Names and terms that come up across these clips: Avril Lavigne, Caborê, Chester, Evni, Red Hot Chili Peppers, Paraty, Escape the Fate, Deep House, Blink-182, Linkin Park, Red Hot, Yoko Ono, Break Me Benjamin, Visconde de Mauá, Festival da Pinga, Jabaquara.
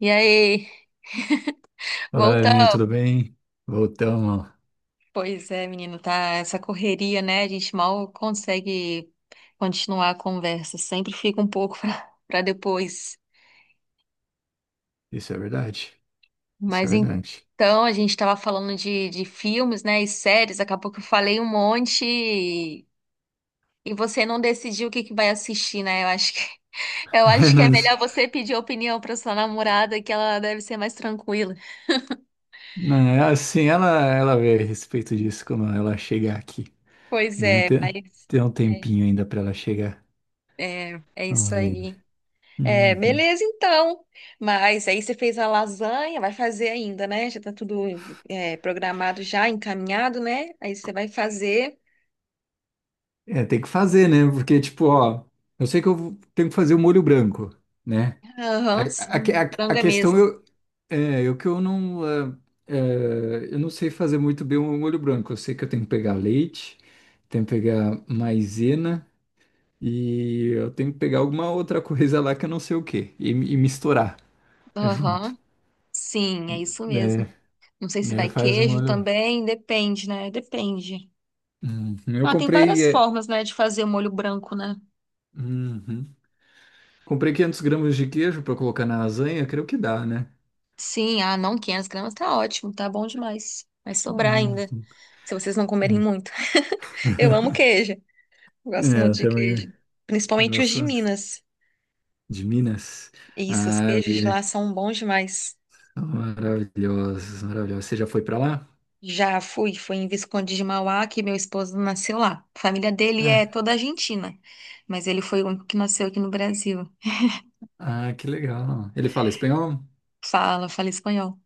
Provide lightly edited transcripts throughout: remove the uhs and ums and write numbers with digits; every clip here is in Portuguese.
E aí, Olá, Evni, voltamos. tudo bem? Voltamos. Pois é, menino, tá essa correria, né? A gente mal consegue continuar a conversa, sempre fica um pouco para depois. Isso é verdade? Isso é Mas verdade. então, a gente tava falando de filmes, né, e séries, acabou que eu falei um monte e você não decidiu o que que vai assistir, né? Eu acho que, eu acho que é melhor você pedir opinião para sua namorada, que ela deve ser mais tranquila. Não, não, é assim, ela vê a respeito disso, como ela chegar aqui, Pois né? é, Tem, mas tem um é, tempinho ainda para ela chegar. É Vamos isso ver. aí. É, Uhum. beleza então. Mas aí você fez a lasanha, vai fazer ainda, né? Já tá tudo programado já, encaminhado, né? Aí você vai fazer. É, tem que fazer, né? Porque, tipo, ó, eu sei que tenho que fazer o molho branco, né? A, Aham, a, sim, a, frango a é questão mesmo. eu, é, eu que eu não, é, é, eu não sei fazer muito bem o molho branco. Eu sei que eu tenho que pegar leite, tenho que pegar maisena. E eu tenho que pegar alguma outra coisa lá que eu não sei o que e misturar junto. Aham, sim, é isso Daí, mesmo. Não sei se daí vai faz um queijo olho. também, depende, né? Depende. Eu Ah, tem comprei. várias formas, né, de fazer o molho branco, né? Uhum. Comprei 500 gramas de queijo para colocar na lasanha, creio que dá, né? Sim, ah, não, 500 gramas tá ótimo, tá bom demais. Vai sobrar Uhum. ainda, se vocês não comerem muito. Eu amo queijo. Eu É, gosto muito eu de também queijo. Principalmente os gosto de Minas. de Minas. Isso, os Ah, queijos de lá vi. são bons demais. Maravilhosa, maravilhosa. Você já foi para lá? Já fui, fui em Visconde de Mauá, que meu esposo nasceu lá. A família dele é É. toda argentina, mas ele foi o único que nasceu aqui no Brasil. Ah, que legal. Ele fala espanhol? Fala, fala espanhol.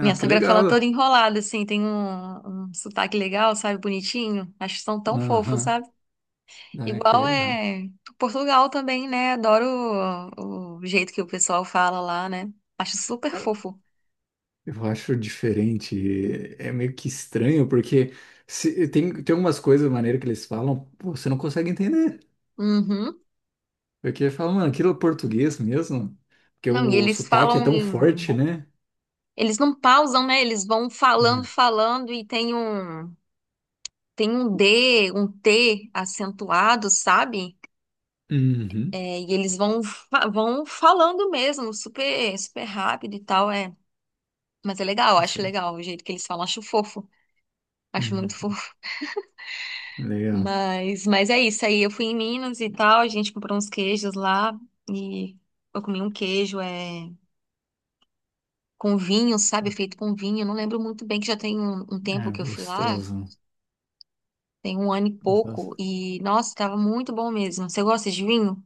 Minha que sogra fala legal. toda enrolada, assim, tem um, um sotaque legal, sabe, bonitinho. Acho que são tão fofos, Aham. sabe? Ah, que Igual legal. é Portugal também, né? Adoro o jeito que o pessoal fala lá, né? Acho super fofo. Eu acho diferente, é meio que estranho, porque tem algumas coisas, da maneira que eles falam, pô, você não consegue entender. Uhum. Porque fala, mano, aquilo é português mesmo? Porque Não, e o eles sotaque é falam tão em... forte, né? Eles não pausam, né? Eles vão falando, Hum. falando e tem um... Tem um D, um T acentuado, sabe? Uhum. É, e eles vão, vão falando mesmo, super, super rápido e tal, é. Mas é legal, Não acho sei. legal o jeito que eles falam, acho fofo, acho muito Hum. fofo. Legal. Mas é isso aí, eu fui em Minas e tal, a gente comprou uns queijos lá e eu comi um queijo, é, com vinho, sabe? Feito com vinho, eu não lembro muito bem que já tem um Ah, tempo que eu fui lá. gostoso. Tem um ano e Gostoso. pouco e, nossa, tava muito bom mesmo. Você gosta de vinho?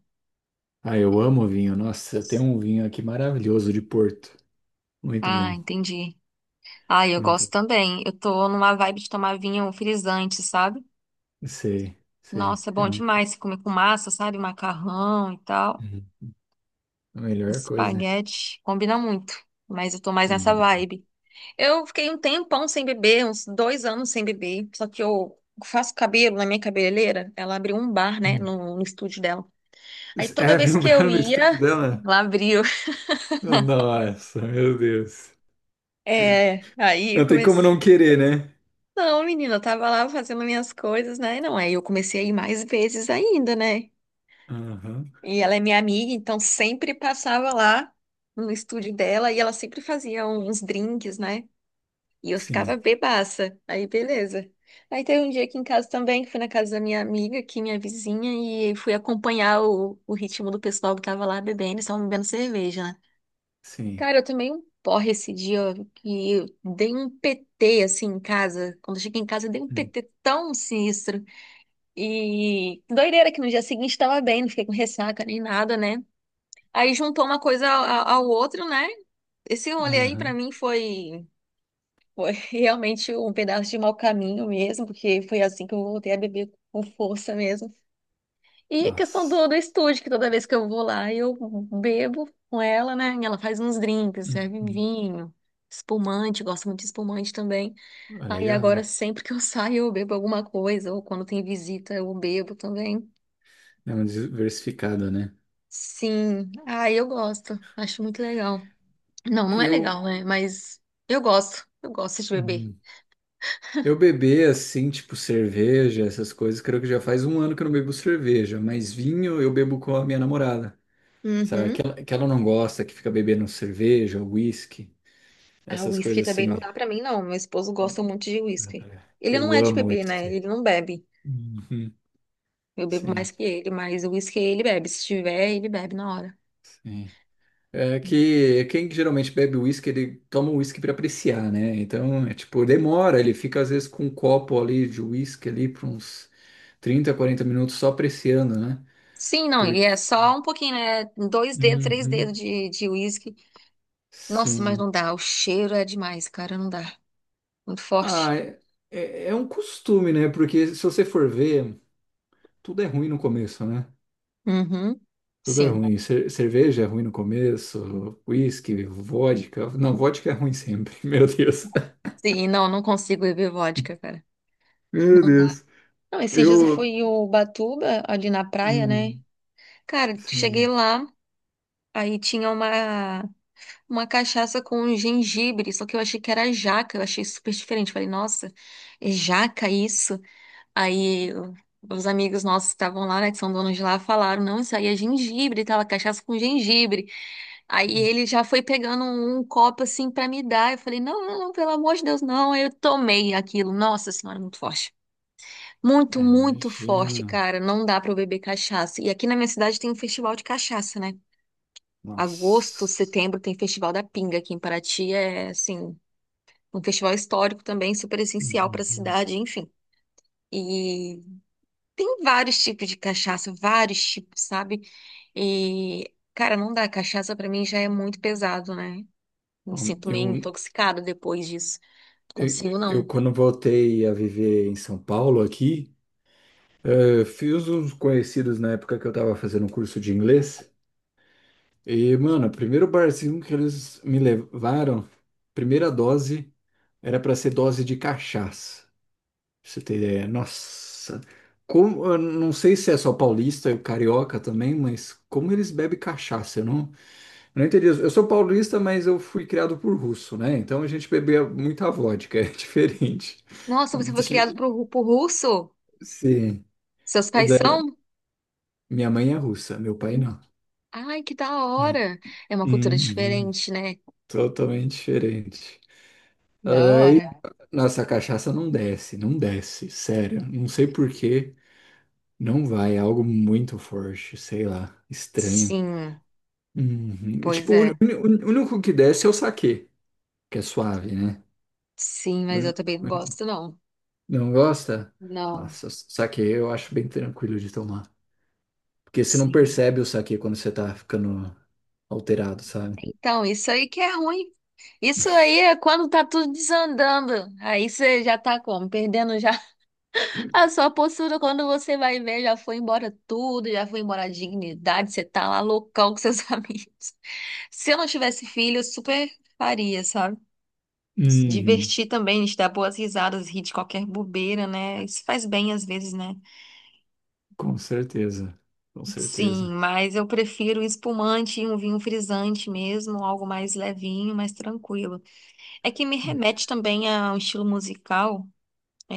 Ah, eu amo vinho. Nossa, tem um vinho aqui maravilhoso de Porto. Muito Ah, bom. entendi. Ah, eu gosto Muito. também. Eu tô numa vibe de tomar vinho frisante, sabe? Sei, sei. Nossa, é É bom muito. demais se comer com massa, sabe? Macarrão e tal. Uhum. A melhor coisa. Espaguete. Combina muito. Mas eu tô mais nessa Combina bem. vibe. Eu fiquei um tempão sem beber, uns dois anos sem beber. Só que eu faço cabelo na minha cabeleireira. Ela abriu um bar, né? Hum. No estúdio dela. Aí toda É, vez que eu vibraram no estúdio ia, dela? ela abriu. Nossa, meu Deus. É, aí eu Não tem como comecei. não querer, né? Não, menina, eu tava lá fazendo minhas coisas, né? Não, aí eu comecei a ir mais vezes ainda, né? Aham. E ela é minha amiga, então sempre passava lá no estúdio dela e ela sempre fazia uns drinks, né? E eu ficava Sim, bebaça. Aí, beleza. Aí teve um dia aqui em casa também, que fui na casa da minha amiga, aqui, minha vizinha, e fui acompanhar o ritmo do pessoal que tava lá bebendo, e estavam bebendo cerveja, né? sim. Cara, eu tomei um porre esse dia que eu dei um PT assim em casa. Quando eu cheguei em casa, eu dei um Hum. PT tão sinistro. E doideira que no dia seguinte tava bem, não fiquei com ressaca nem nada, né? Aí juntou uma coisa ao outro, né? Esse rolê aí pra Aham. mim foi, foi realmente um pedaço de mau caminho mesmo, porque foi assim que eu voltei a beber com força mesmo. E a questão Nossa. do estúdio, que toda vez que eu vou lá, eu bebo com ela, né? E ela faz uns drinks, serve Uhum. vinho, espumante, gosto muito de espumante também. Ah, Aí legal. agora, sempre que eu saio, eu bebo alguma coisa, ou quando tem visita, eu bebo também. É um diversificado, né? Sim, aí eu gosto, acho muito legal. Não, não é Eu, legal, né? Mas eu gosto de beber. hum, eu beber assim, tipo cerveja, essas coisas, creio que já faz um ano que eu não bebo cerveja, mas vinho eu bebo com a minha namorada. Sabe? Que Uhum. ela, que ela não gosta, que fica bebendo cerveja, uísque, A essas whisky coisas também não assim. dá pra mim, não. Meu esposo gosta muito de whisky. Ele não Eu é de amo beber, né? uísque. Ele não bebe. Uhum. Eu bebo mais Sim, que ele, mas o uísque ele bebe. Se tiver, ele bebe na hora. sim. É que quem geralmente bebe uísque, ele toma o uísque para apreciar, né? Então, é tipo, demora, ele fica às vezes com um copo ali de uísque ali por uns 30, 40 minutos só apreciando, né? Sim, não, e Porque... é só um pouquinho, né? Dois dedos, três Uhum. dedos de uísque. Nossa, mas não Sim. dá. O cheiro é demais, cara, não dá. Muito forte. Ah, é, é um costume, né? Porque se você for ver, tudo é ruim no começo, né? Uhum. Tudo é Sim. ruim. Cerveja é ruim no começo, uísque, vodka. Não, vodka é ruim sempre, meu Deus. Sim, não, não consigo beber vodka, cara. Meu Deus. Não, esses dias eu fui Eu, em Ubatuba, ali na praia, né? hum, Cara, cheguei sim. lá, aí tinha uma cachaça com gengibre, só que eu achei que era jaca, eu achei super diferente. Falei, nossa, é jaca isso? Aí o- os amigos nossos que estavam lá, né, que são donos de lá, falaram, não, isso aí é gengibre, e é cachaça com gengibre. Aí ele já foi pegando um, um copo assim pra me dar. Eu falei, não, pelo amor de Deus, não. Aí eu tomei aquilo. Nossa Senhora, muito forte. Muito, É, muito forte, imagina. cara. Não dá pra eu beber cachaça. E aqui na minha cidade tem um festival de cachaça, né? Agosto, Nossa. setembro tem Festival da Pinga aqui em Paraty, é assim, um festival histórico também, super essencial pra Uhum. cidade, enfim. E tem vários tipos de cachaça, vários tipos, sabe? E, cara, não dá. Cachaça pra mim já é muito pesado, né? Me Bom, sinto meio eu, intoxicada depois disso. Não consigo, eu, não. quando voltei a viver em São Paulo aqui, fiz uns conhecidos na época que eu tava fazendo um curso de inglês. E, mano, o primeiro barzinho que eles me levaram, primeira dose, era pra ser dose de cachaça. Pra você ter ideia. Nossa. Como, eu não sei se é só paulista e carioca também, mas como eles bebem cachaça, eu não eu não entendi isso. Eu sou paulista, mas eu fui criado por russo, né? Então a gente bebia muita vodka, é diferente. Nossa, você foi criado pro russo? Sim. Seus pais Da- são? Minha mãe é russa, meu pai não. Ai, que da É. hora! É uma cultura Uhum. diferente, né? Totalmente diferente. Da É, hora. nossa, a cachaça não desce, não desce, sério. Não sei por que. Não vai. É algo muito forte, sei lá, estranho. Sim, Uhum. pois Tipo, é. O único que desce é o saquê, que é suave, né? Sim, mas eu também não gosto, não. Não gosta? Não. Nossa, saque eu acho bem tranquilo de tomar. Porque você não Sim. percebe o saque quando você tá ficando alterado, sabe? Então, isso aí que é ruim. Isso aí é quando tá tudo desandando. Aí você já tá como? Perdendo já a sua postura. Quando você vai ver, já foi embora tudo, já foi embora a dignidade. Você tá lá loucão com seus amigos. Se eu não tivesse filho, eu super faria, sabe? Se Uhum, divertir também, a gente dar boas risadas, rir de qualquer bobeira, né? Isso faz bem às vezes, né? com certeza, com Sim, certeza. mas eu prefiro um espumante e um vinho frisante mesmo, algo mais levinho, mais tranquilo. É que me remete também a um estilo musical.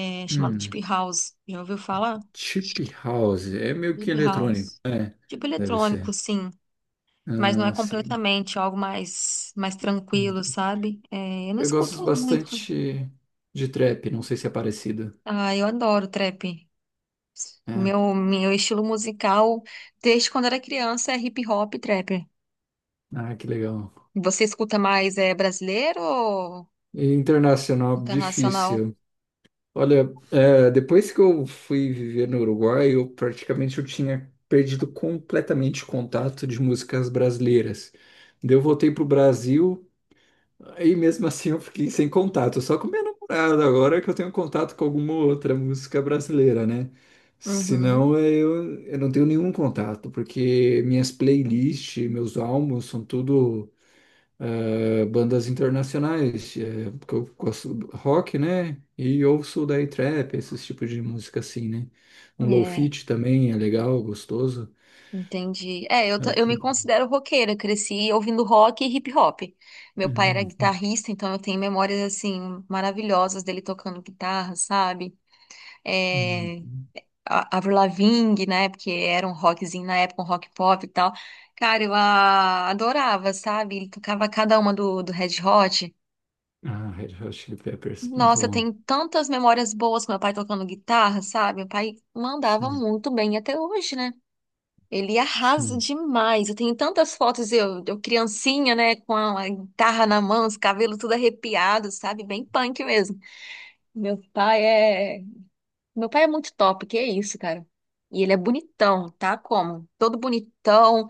É chamado Hum, Deep House. Já ouviu falar? chip house, é meio que Deep eletrônico, House. Tipo deve eletrônico, ser. sim. Mas não é Ah, sim. completamente algo mais Hum. tranquilo, sabe? É, eu não Eu gosto escuto muito. bastante de trap, não sei se é parecido. Ah, eu adoro trap. É. Meu estilo musical, desde quando era criança, é hip hop e trap. Ah, que legal. Você escuta mais é brasileiro ou E internacional, internacional? difícil. Olha, é, depois que eu fui viver no Uruguai, eu praticamente eu tinha perdido completamente o contato de músicas brasileiras. Daí eu voltei pro Brasil, aí mesmo assim eu fiquei sem contato, só com minha namorada agora que eu tenho contato com alguma outra música brasileira, né? Uhum. Senão é, eu não tenho nenhum contato, porque minhas playlists, meus álbuns são tudo bandas internacionais, porque eu gosto do rock, né? E ouço daí trap, esses tipos de música assim, né? Um low-fi É, também é legal, gostoso. entendi. É, Eu me considero roqueira, cresci ouvindo rock e hip hop. Meu pai era hum, guitarrista, então eu tenho memórias, assim, maravilhosas dele tocando guitarra, sabe? É, hum. Avril Lavigne, né? Porque era um rockzinho na época, um rock pop e tal. Cara, eu adorava, sabe? Ele tocava cada uma do Red Hot. Ah, Red Hot Chili Peppers, muito Nossa, eu bom. tenho tantas memórias boas com meu pai tocando guitarra, sabe? Meu pai mandava Sim, muito bem até hoje, né? Ele arrasa sim, demais. Eu tenho tantas fotos, eu criancinha, né, com a guitarra na mão, os cabelos tudo arrepiados, sabe? Bem punk mesmo. Meu pai é. Meu pai é muito top, que é isso, cara. E ele é bonitão, tá? Como? Todo bonitão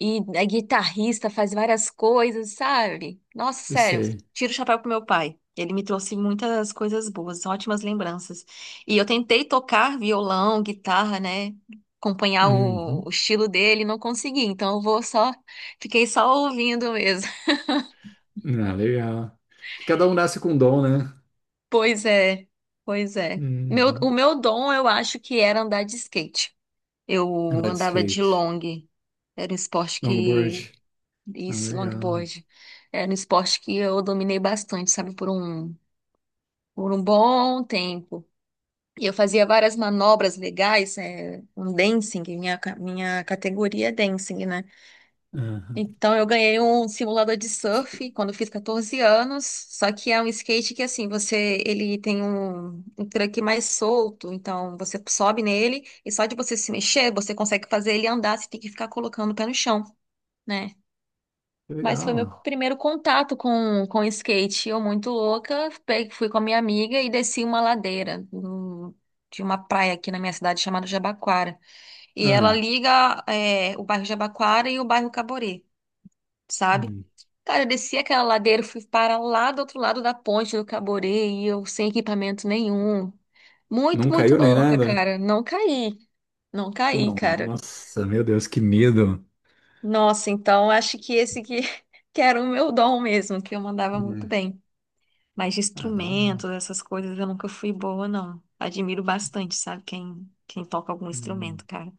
e é guitarrista, faz várias coisas, sabe? Nossa, eu sério, sei. tiro o chapéu pro meu pai. Ele me trouxe muitas coisas boas, ótimas lembranças. E eu tentei tocar violão, guitarra, né? Acompanhar o Uhum. estilo dele, não consegui. Então eu vou só, fiquei só ouvindo mesmo. Ah, legal. Que cada um nasce com um dom, né? Pois é, pois é. Meu, o Uhum. meu dom, eu acho que era andar de skate. Eu Andar de andava de skate, long. Era um esporte longboard. que. Ah, Isso, legal. longboard. Era um esporte que eu dominei bastante, sabe, por um bom tempo. E eu fazia várias manobras legais, é, um dancing, minha categoria é dancing, né? Aham. Então, eu ganhei um simulador de surf quando eu fiz 14 anos, só que é um skate que, assim, você, ele tem um, um truque mais solto, então você sobe nele e só de você se mexer, você consegue fazer ele andar, você tem que ficar colocando o pé no chão, né? Que Mas foi meu legal. primeiro contato com skate, eu muito louca, fui com a minha amiga e desci uma ladeira de uma praia aqui na minha cidade chamada Jabaquara, e ela Ah, liga é, o bairro Jabaquara e o bairro Caborê, sabe? hum. Cara, eu desci aquela ladeira, fui para lá do outro lado da ponte do Caborê e eu sem equipamento nenhum. Muito, Não muito caiu nem louca, nada? cara. Não caí. Não caí, cara. Nossa, meu Deus, que medo. Nossa, então acho que esse que, que era o meu dom mesmo, que eu mandava muito Hum, bem. Mas de ah, da instrumentos, hora. essas coisas, eu nunca fui boa, não. Admiro bastante, sabe, quem toca algum Hum, instrumento, cara.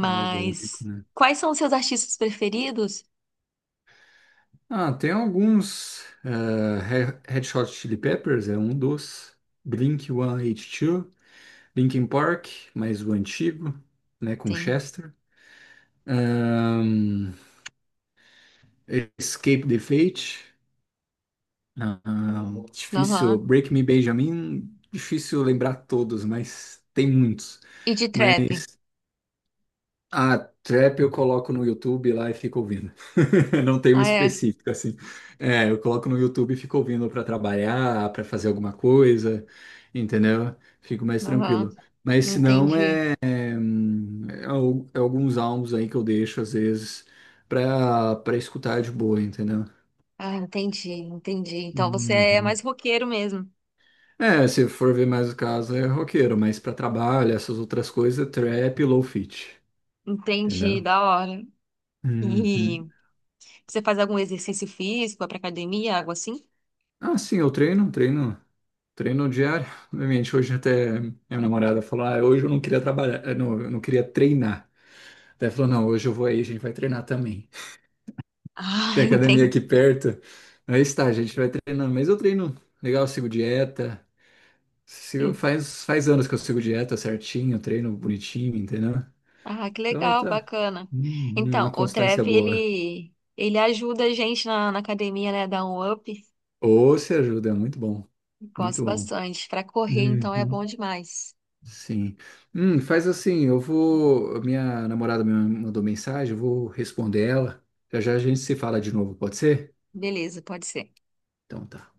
é algo único, né? quais são os seus artistas preferidos? Ah, tem alguns. Red Hot Chili Peppers é um dos. Blink-182, Linkin Park, mais o antigo, né, com Sim. Chester. Ahn, Escape the Fate, difícil. Aham. Break Me Benjamin, difícil lembrar todos, mas tem muitos. E de trap? A trap eu coloco no YouTube lá e fico ouvindo. Não tem um Ah, é. específico assim. É, eu coloco no YouTube e fico ouvindo para trabalhar, para fazer alguma coisa, entendeu? Fico mais Aham. tranquilo. Mas se não, Entendi. é, é é alguns álbuns aí que eu deixo às vezes para escutar de boa, entendeu? Ah, entendi, entendi. Então você é mais Uhum. roqueiro mesmo. É, se for ver mais o caso, é roqueiro, mas para trabalho, essas outras coisas, é trap e low fit, Entendi, entendeu? da hora. Uhum. E você faz algum exercício físico, vai pra academia, algo assim? Ah, sim, eu treino, treino. Treino diário, obviamente, hoje até minha namorada falou, ah, hoje eu não queria trabalhar, não, eu não queria treinar. Daí falou, não, hoje eu vou aí, a gente vai treinar também. Ah, Tem academia entendi. aqui perto, aí está, a gente vai treinando. Mas eu treino legal, eu sigo dieta, faz, faz anos que eu sigo dieta certinho, treino bonitinho, entendeu? Ah, que Então legal, tá, bacana. Então, uma o constância Trev, boa. Ele ajuda a gente na academia, né? Dá um up. Ou se ajuda, é muito bom, Gosto muito bom. bastante. Pra correr, então, é Uhum. bom demais. Sim. Faz assim, eu vou. A minha namorada me mandou mensagem, eu vou responder ela. Já já a gente se fala de novo, pode ser? Beleza, pode ser. Então tá.